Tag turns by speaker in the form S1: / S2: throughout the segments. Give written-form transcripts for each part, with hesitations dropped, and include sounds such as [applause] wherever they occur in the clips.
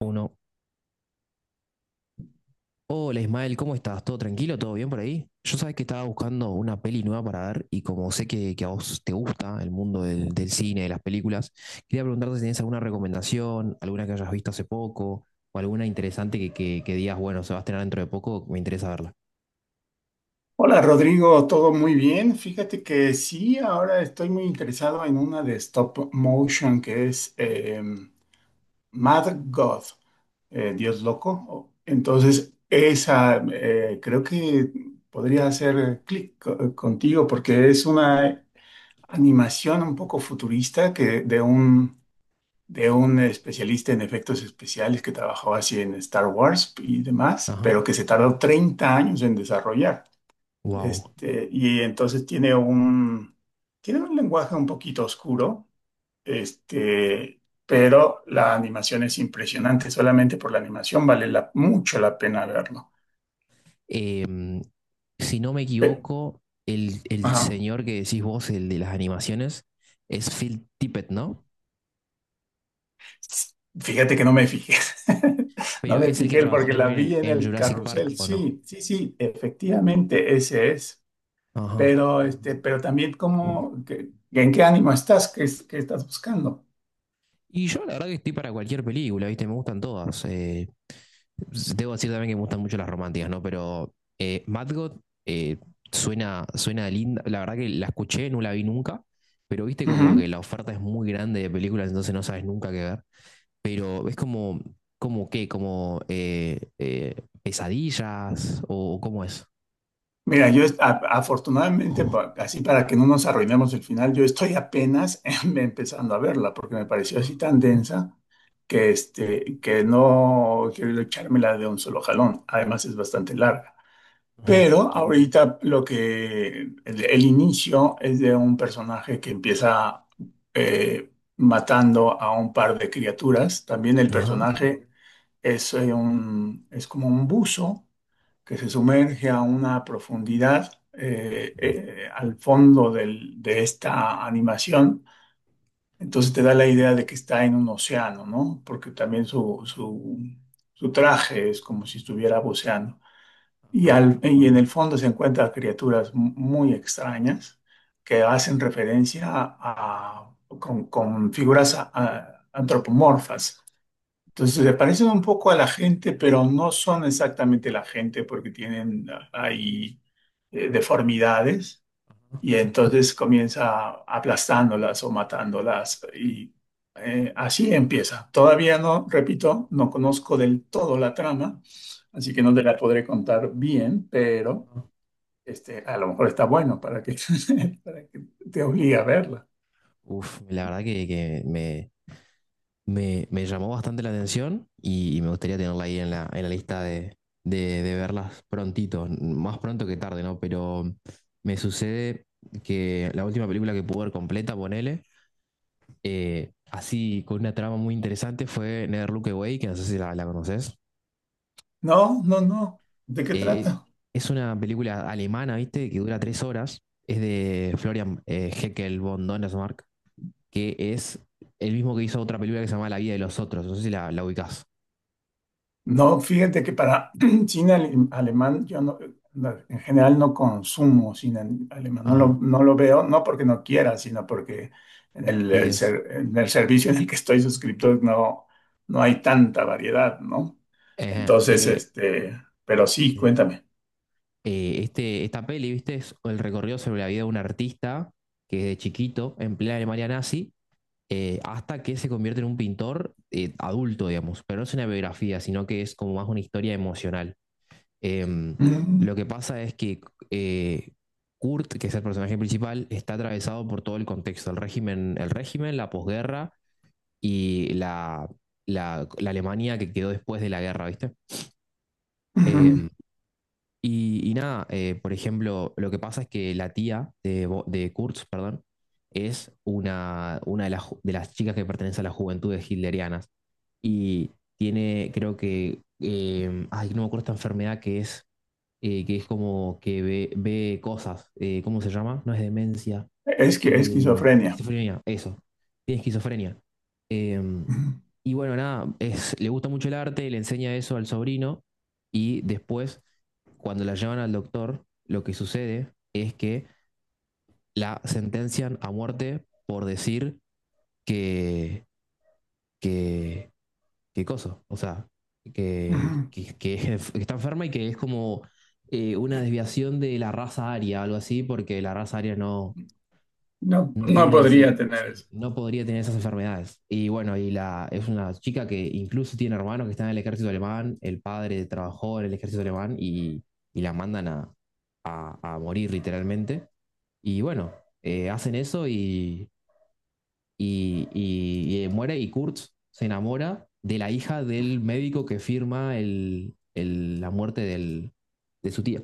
S1: Uno. Hola Ismael, ¿cómo estás? ¿Todo tranquilo? ¿Todo bien por ahí? Yo sabes que estaba buscando una peli nueva para ver y como sé que a vos te gusta el mundo del cine, de las películas, quería preguntarte si tenés alguna recomendación, alguna que hayas visto hace poco o alguna interesante que digas, bueno, se va a estrenar dentro de poco, me interesa verla.
S2: Hola Rodrigo, todo muy bien. Fíjate que sí, ahora estoy muy interesado en una de stop motion que es Mad God, Dios loco. Entonces, esa creo que podría hacer clic contigo porque es una animación un poco futurista que de un especialista en efectos especiales que trabajó así en Star Wars y demás,
S1: Ajá.
S2: pero que se tardó 30 años en desarrollar.
S1: Wow.
S2: Este, y entonces tiene un lenguaje un poquito oscuro, este, pero la animación es impresionante. Solamente por la animación mucho la pena verlo.
S1: Si no me
S2: Pe-
S1: equivoco, el
S2: ajá.
S1: señor que decís vos, el de las animaciones, es Phil Tippett, ¿no?
S2: Fíjate que no me fijé. [laughs] No
S1: Pero
S2: me
S1: es el que
S2: fijé
S1: trabajó
S2: porque la vi
S1: también
S2: en
S1: en
S2: el
S1: Jurassic Park,
S2: carrusel.
S1: ¿o no?
S2: Sí, sí, sí, efectivamente, ese es.
S1: Ajá.
S2: Pero, este, pero también como, ¿en qué ánimo estás? ¿Qué, qué estás buscando?
S1: Y yo la verdad que estoy para cualquier película, ¿viste? Me gustan todas. Debo decir también que me gustan mucho las románticas, ¿no? Pero Mad God eh, suena linda. La verdad que la escuché, no la vi nunca, pero viste como que
S2: Ujú.
S1: la oferta es muy grande de películas, entonces no sabes nunca qué ver. Pero es como, como qué, como pesadillas o cómo es.
S2: Mira, afortunadamente, así para que no nos arruinemos el final, yo estoy apenas [laughs] empezando a verla porque me pareció
S1: Ajá,
S2: así tan densa que, este, que no quiero echármela de un solo jalón. Además es bastante larga. Pero ahorita lo que el inicio es de un personaje que empieza eh, matando a un par de criaturas. También el
S1: ajá,
S2: personaje es, es como un buzo que se sumerge a una profundidad al fondo de esta animación. Entonces te da la idea de que está en un océano, ¿no? Porque también su traje es como si estuviera buceando.
S1: ajá.
S2: Y en el fondo se encuentran criaturas muy extrañas que hacen referencia con figuras antropomorfas. Entonces se parecen un poco a la gente, pero no son exactamente la gente porque tienen ahí deformidades y entonces comienza aplastándolas o matándolas y así empieza. Todavía no, repito, no conozco del todo la trama, así que no te la podré contar bien, pero este, a lo mejor está bueno [laughs] para que te obligue a verla.
S1: Uf, la verdad que me llamó bastante la atención y me gustaría tenerla ahí en la lista de verlas prontito, más pronto que tarde, ¿no? Pero me sucede que la última película que pude ver completa, ponele, así con una trama muy interesante fue Never Look Away, que no sé si la conoces.
S2: No, no, no. ¿De qué
S1: Eh,
S2: trata?
S1: es una película alemana, ¿viste? Que dura 3 horas. Es de Florian Heckel von Donnersmarck, que es el mismo que hizo otra película que se llama La vida de los otros. No sé si la ubicás.
S2: No, fíjate que para [clears throat] cine alemán yo no, no, en general no consumo cine alemán,
S1: Ajá.
S2: no lo veo, no porque no quiera, sino porque en el,
S1: Sí, es.
S2: en el servicio en el que estoy suscrito no, no hay tanta variedad, ¿no?
S1: Ajá,
S2: Entonces,
S1: eh,
S2: este, pero sí,
S1: Sí.
S2: cuéntame.
S1: Este, esta peli, ¿viste? Es el recorrido sobre la vida de un artista que de chiquito, en plena Alemania nazi, hasta que se convierte en un pintor adulto, digamos. Pero no es una biografía, sino que es como más una historia emocional. Em,
S2: Ujú,
S1: lo que pasa es que eh, Kurt, que es el personaje principal, está atravesado por todo el contexto, el régimen, la posguerra y la Alemania que quedó después de la guerra, ¿viste?
S2: ujú.
S1: Em, y nada, por ejemplo, lo que pasa es que la tía de Kurtz, perdón, es una de las chicas que pertenece a las juventudes hitlerianas y tiene, creo que, ay, no me acuerdo esta enfermedad que es como que ve cosas, ¿cómo se llama? No es demencia,
S2: Es que
S1: eh,
S2: esquizofrenia.
S1: esquizofrenia, eso. Tiene esquizofrenia. Eh,
S2: Ujú,
S1: y bueno, nada, es, le gusta mucho el arte, le enseña eso al sobrino y después, cuando la llevan al doctor, lo que sucede es que la sentencian a muerte por decir que, que, que coso, o sea, que,
S2: ujú.
S1: que, que es- [laughs] que está enferma y que es como una desviación de la raza aria, algo así, porque la raza aria no,
S2: No,
S1: no
S2: no
S1: tiene
S2: podría
S1: ese,
S2: tener
S1: sí,
S2: eso.
S1: no podría tener esas enfermedades. Y bueno, y la, es una chica que incluso tiene hermanos que están en el ejército alemán, el padre trabajó en el ejército alemán y la mandan a morir literalmente. Y bueno, hacen eso y muere y Kurt se enamora de la hija del médico que firma la muerte de su tía.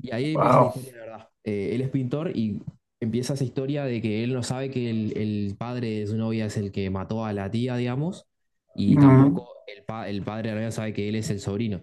S1: Y ahí empieza la
S2: Wow.
S1: historia de verdad. Él es pintor y empieza esa historia de que él no sabe que el padre de su novia es el que mató a la tía, digamos, y tampoco el padre de la novia sabe que él es el sobrino.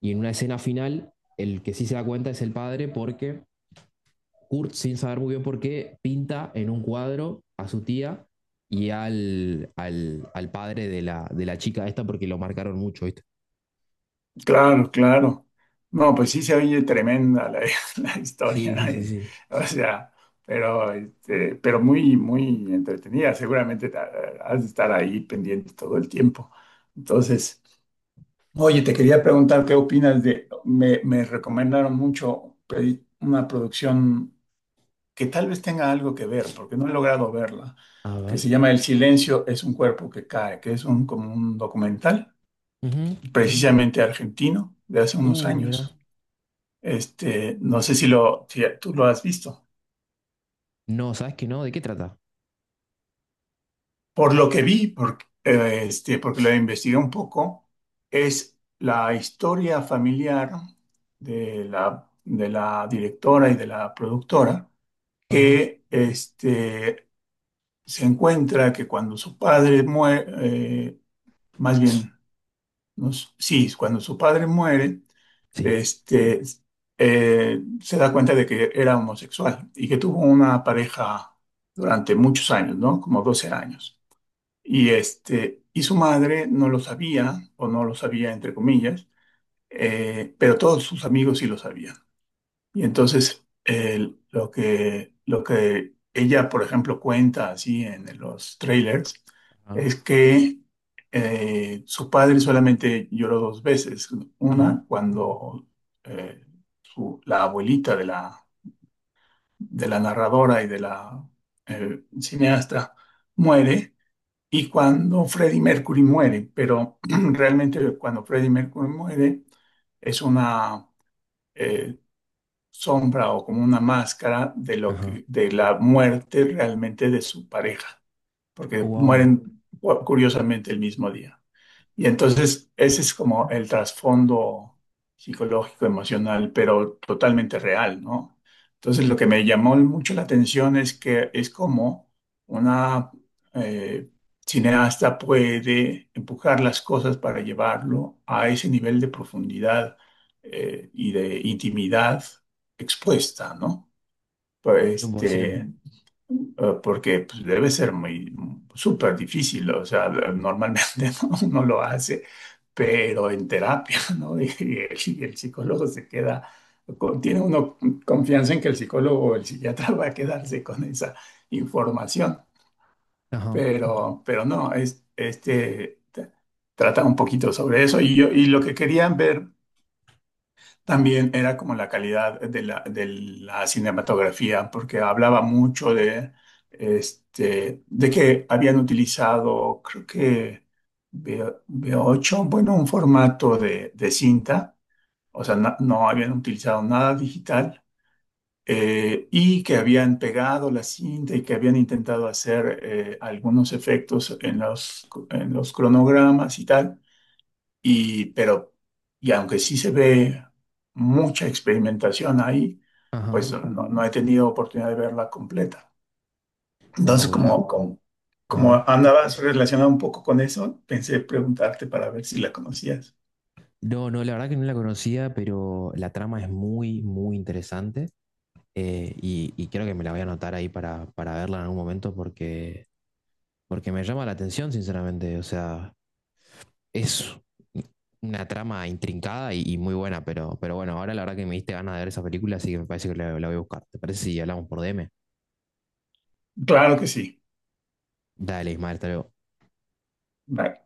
S1: Y en una escena final, el que sí se da cuenta es el padre porque Kurt, sin saber muy bien por qué, pinta en un cuadro a su tía y al padre de la chica esta porque lo marcaron mucho, ¿viste?
S2: Claro, claro. No, pues sí se oye tremenda la, [laughs] la historia,
S1: Sí, sí, sí,
S2: ¿eh?
S1: sí.
S2: O sea, pero, este, pero muy, muy entretenida. Seguramente has de estar ahí pendiente todo el tiempo. Entonces, oye, te quería preguntar qué opinas de, me recomendaron mucho pedir una producción que tal vez tenga algo que ver, porque no he logrado verla,
S1: A
S2: que
S1: ver.
S2: se llama El silencio es un cuerpo que cae, que es como un documental,
S1: Ujú.
S2: precisamente argentino, de hace unos
S1: Mira.
S2: años. Este, no sé si tú lo has visto.
S1: No, ¿sabes qué no? ¿De qué trata?
S2: Por lo que vi, porque, este, porque lo investigué un poco, es la historia familiar de la directora y de la productora,
S1: Ajá.
S2: que este, se encuentra que cuando su padre muere, más bien sí, cuando su padre muere,
S1: Sí.
S2: este, se da cuenta de que era homosexual y que tuvo una pareja durante muchos años, ¿no? Como 12 años. Y, este, y su madre no lo sabía, o no lo sabía entre comillas, pero todos sus amigos sí lo sabían. Y entonces, lo que ella, por ejemplo, cuenta así en los trailers,
S1: Ajá.
S2: es que su padre solamente lloró dos veces.
S1: Ajá.
S2: Una, cuando eh, la abuelita de la narradora y de la cineasta muere, y cuando Freddie Mercury muere. Pero [clears throat] realmente cuando Freddie Mercury muere, es una... eh, sombra o como una máscara de lo
S1: Ajá.
S2: que, de la muerte realmente de su pareja, porque
S1: Wow.
S2: mueren curiosamente el mismo día. Y entonces ese es como el trasfondo psicológico, emocional, pero totalmente real, ¿no? Entonces lo que me llamó mucho la atención es que es como una eh, cineasta puede empujar las cosas para llevarlo a ese nivel de profundidad y de intimidad expuesta, ¿no? Pues,
S1: 100%.
S2: este, porque pues, debe ser muy súper difícil, o sea, normalmente [laughs] no lo hace, pero en terapia, [laughs] ¿no? Y el psicólogo se queda, tiene uno confianza en que el psicólogo o el psiquiatra [laughs] va a quedarse con esa información,
S1: Ajá.
S2: pero no, es, trata un poquito sobre eso y yo, y lo que querían ver también era como la calidad de la cinematografía, porque hablaba mucho de, este, de que habían utilizado, creo que V8, bueno, un formato de cinta, o sea, no, no habían utilizado nada digital, y que habían pegado la cinta y que habían intentado hacer algunos efectos en los cronogramas y tal y, pero, y aunque sí se ve mucha experimentación ahí, pues
S1: Ajá.
S2: no, no he tenido oportunidad de verla completa. Entonces,
S1: Wow. A
S2: como
S1: ver.
S2: andabas relacionado un poco con eso, pensé preguntarte para ver si la conocías.
S1: No, no, la verdad que no la conocía, pero la trama es muy, muy interesante. Y creo que me la voy a anotar ahí para verla en algún momento porque me llama la atención, sinceramente. O sea, es una trama intrincada y muy buena, pero bueno, ahora la verdad que me diste ganas de ver esa película, así que me parece que la voy a buscar. ¿Te parece si hablamos por DM?
S2: Claro que sí.
S1: Dale, Ismael, hasta luego.
S2: Vale.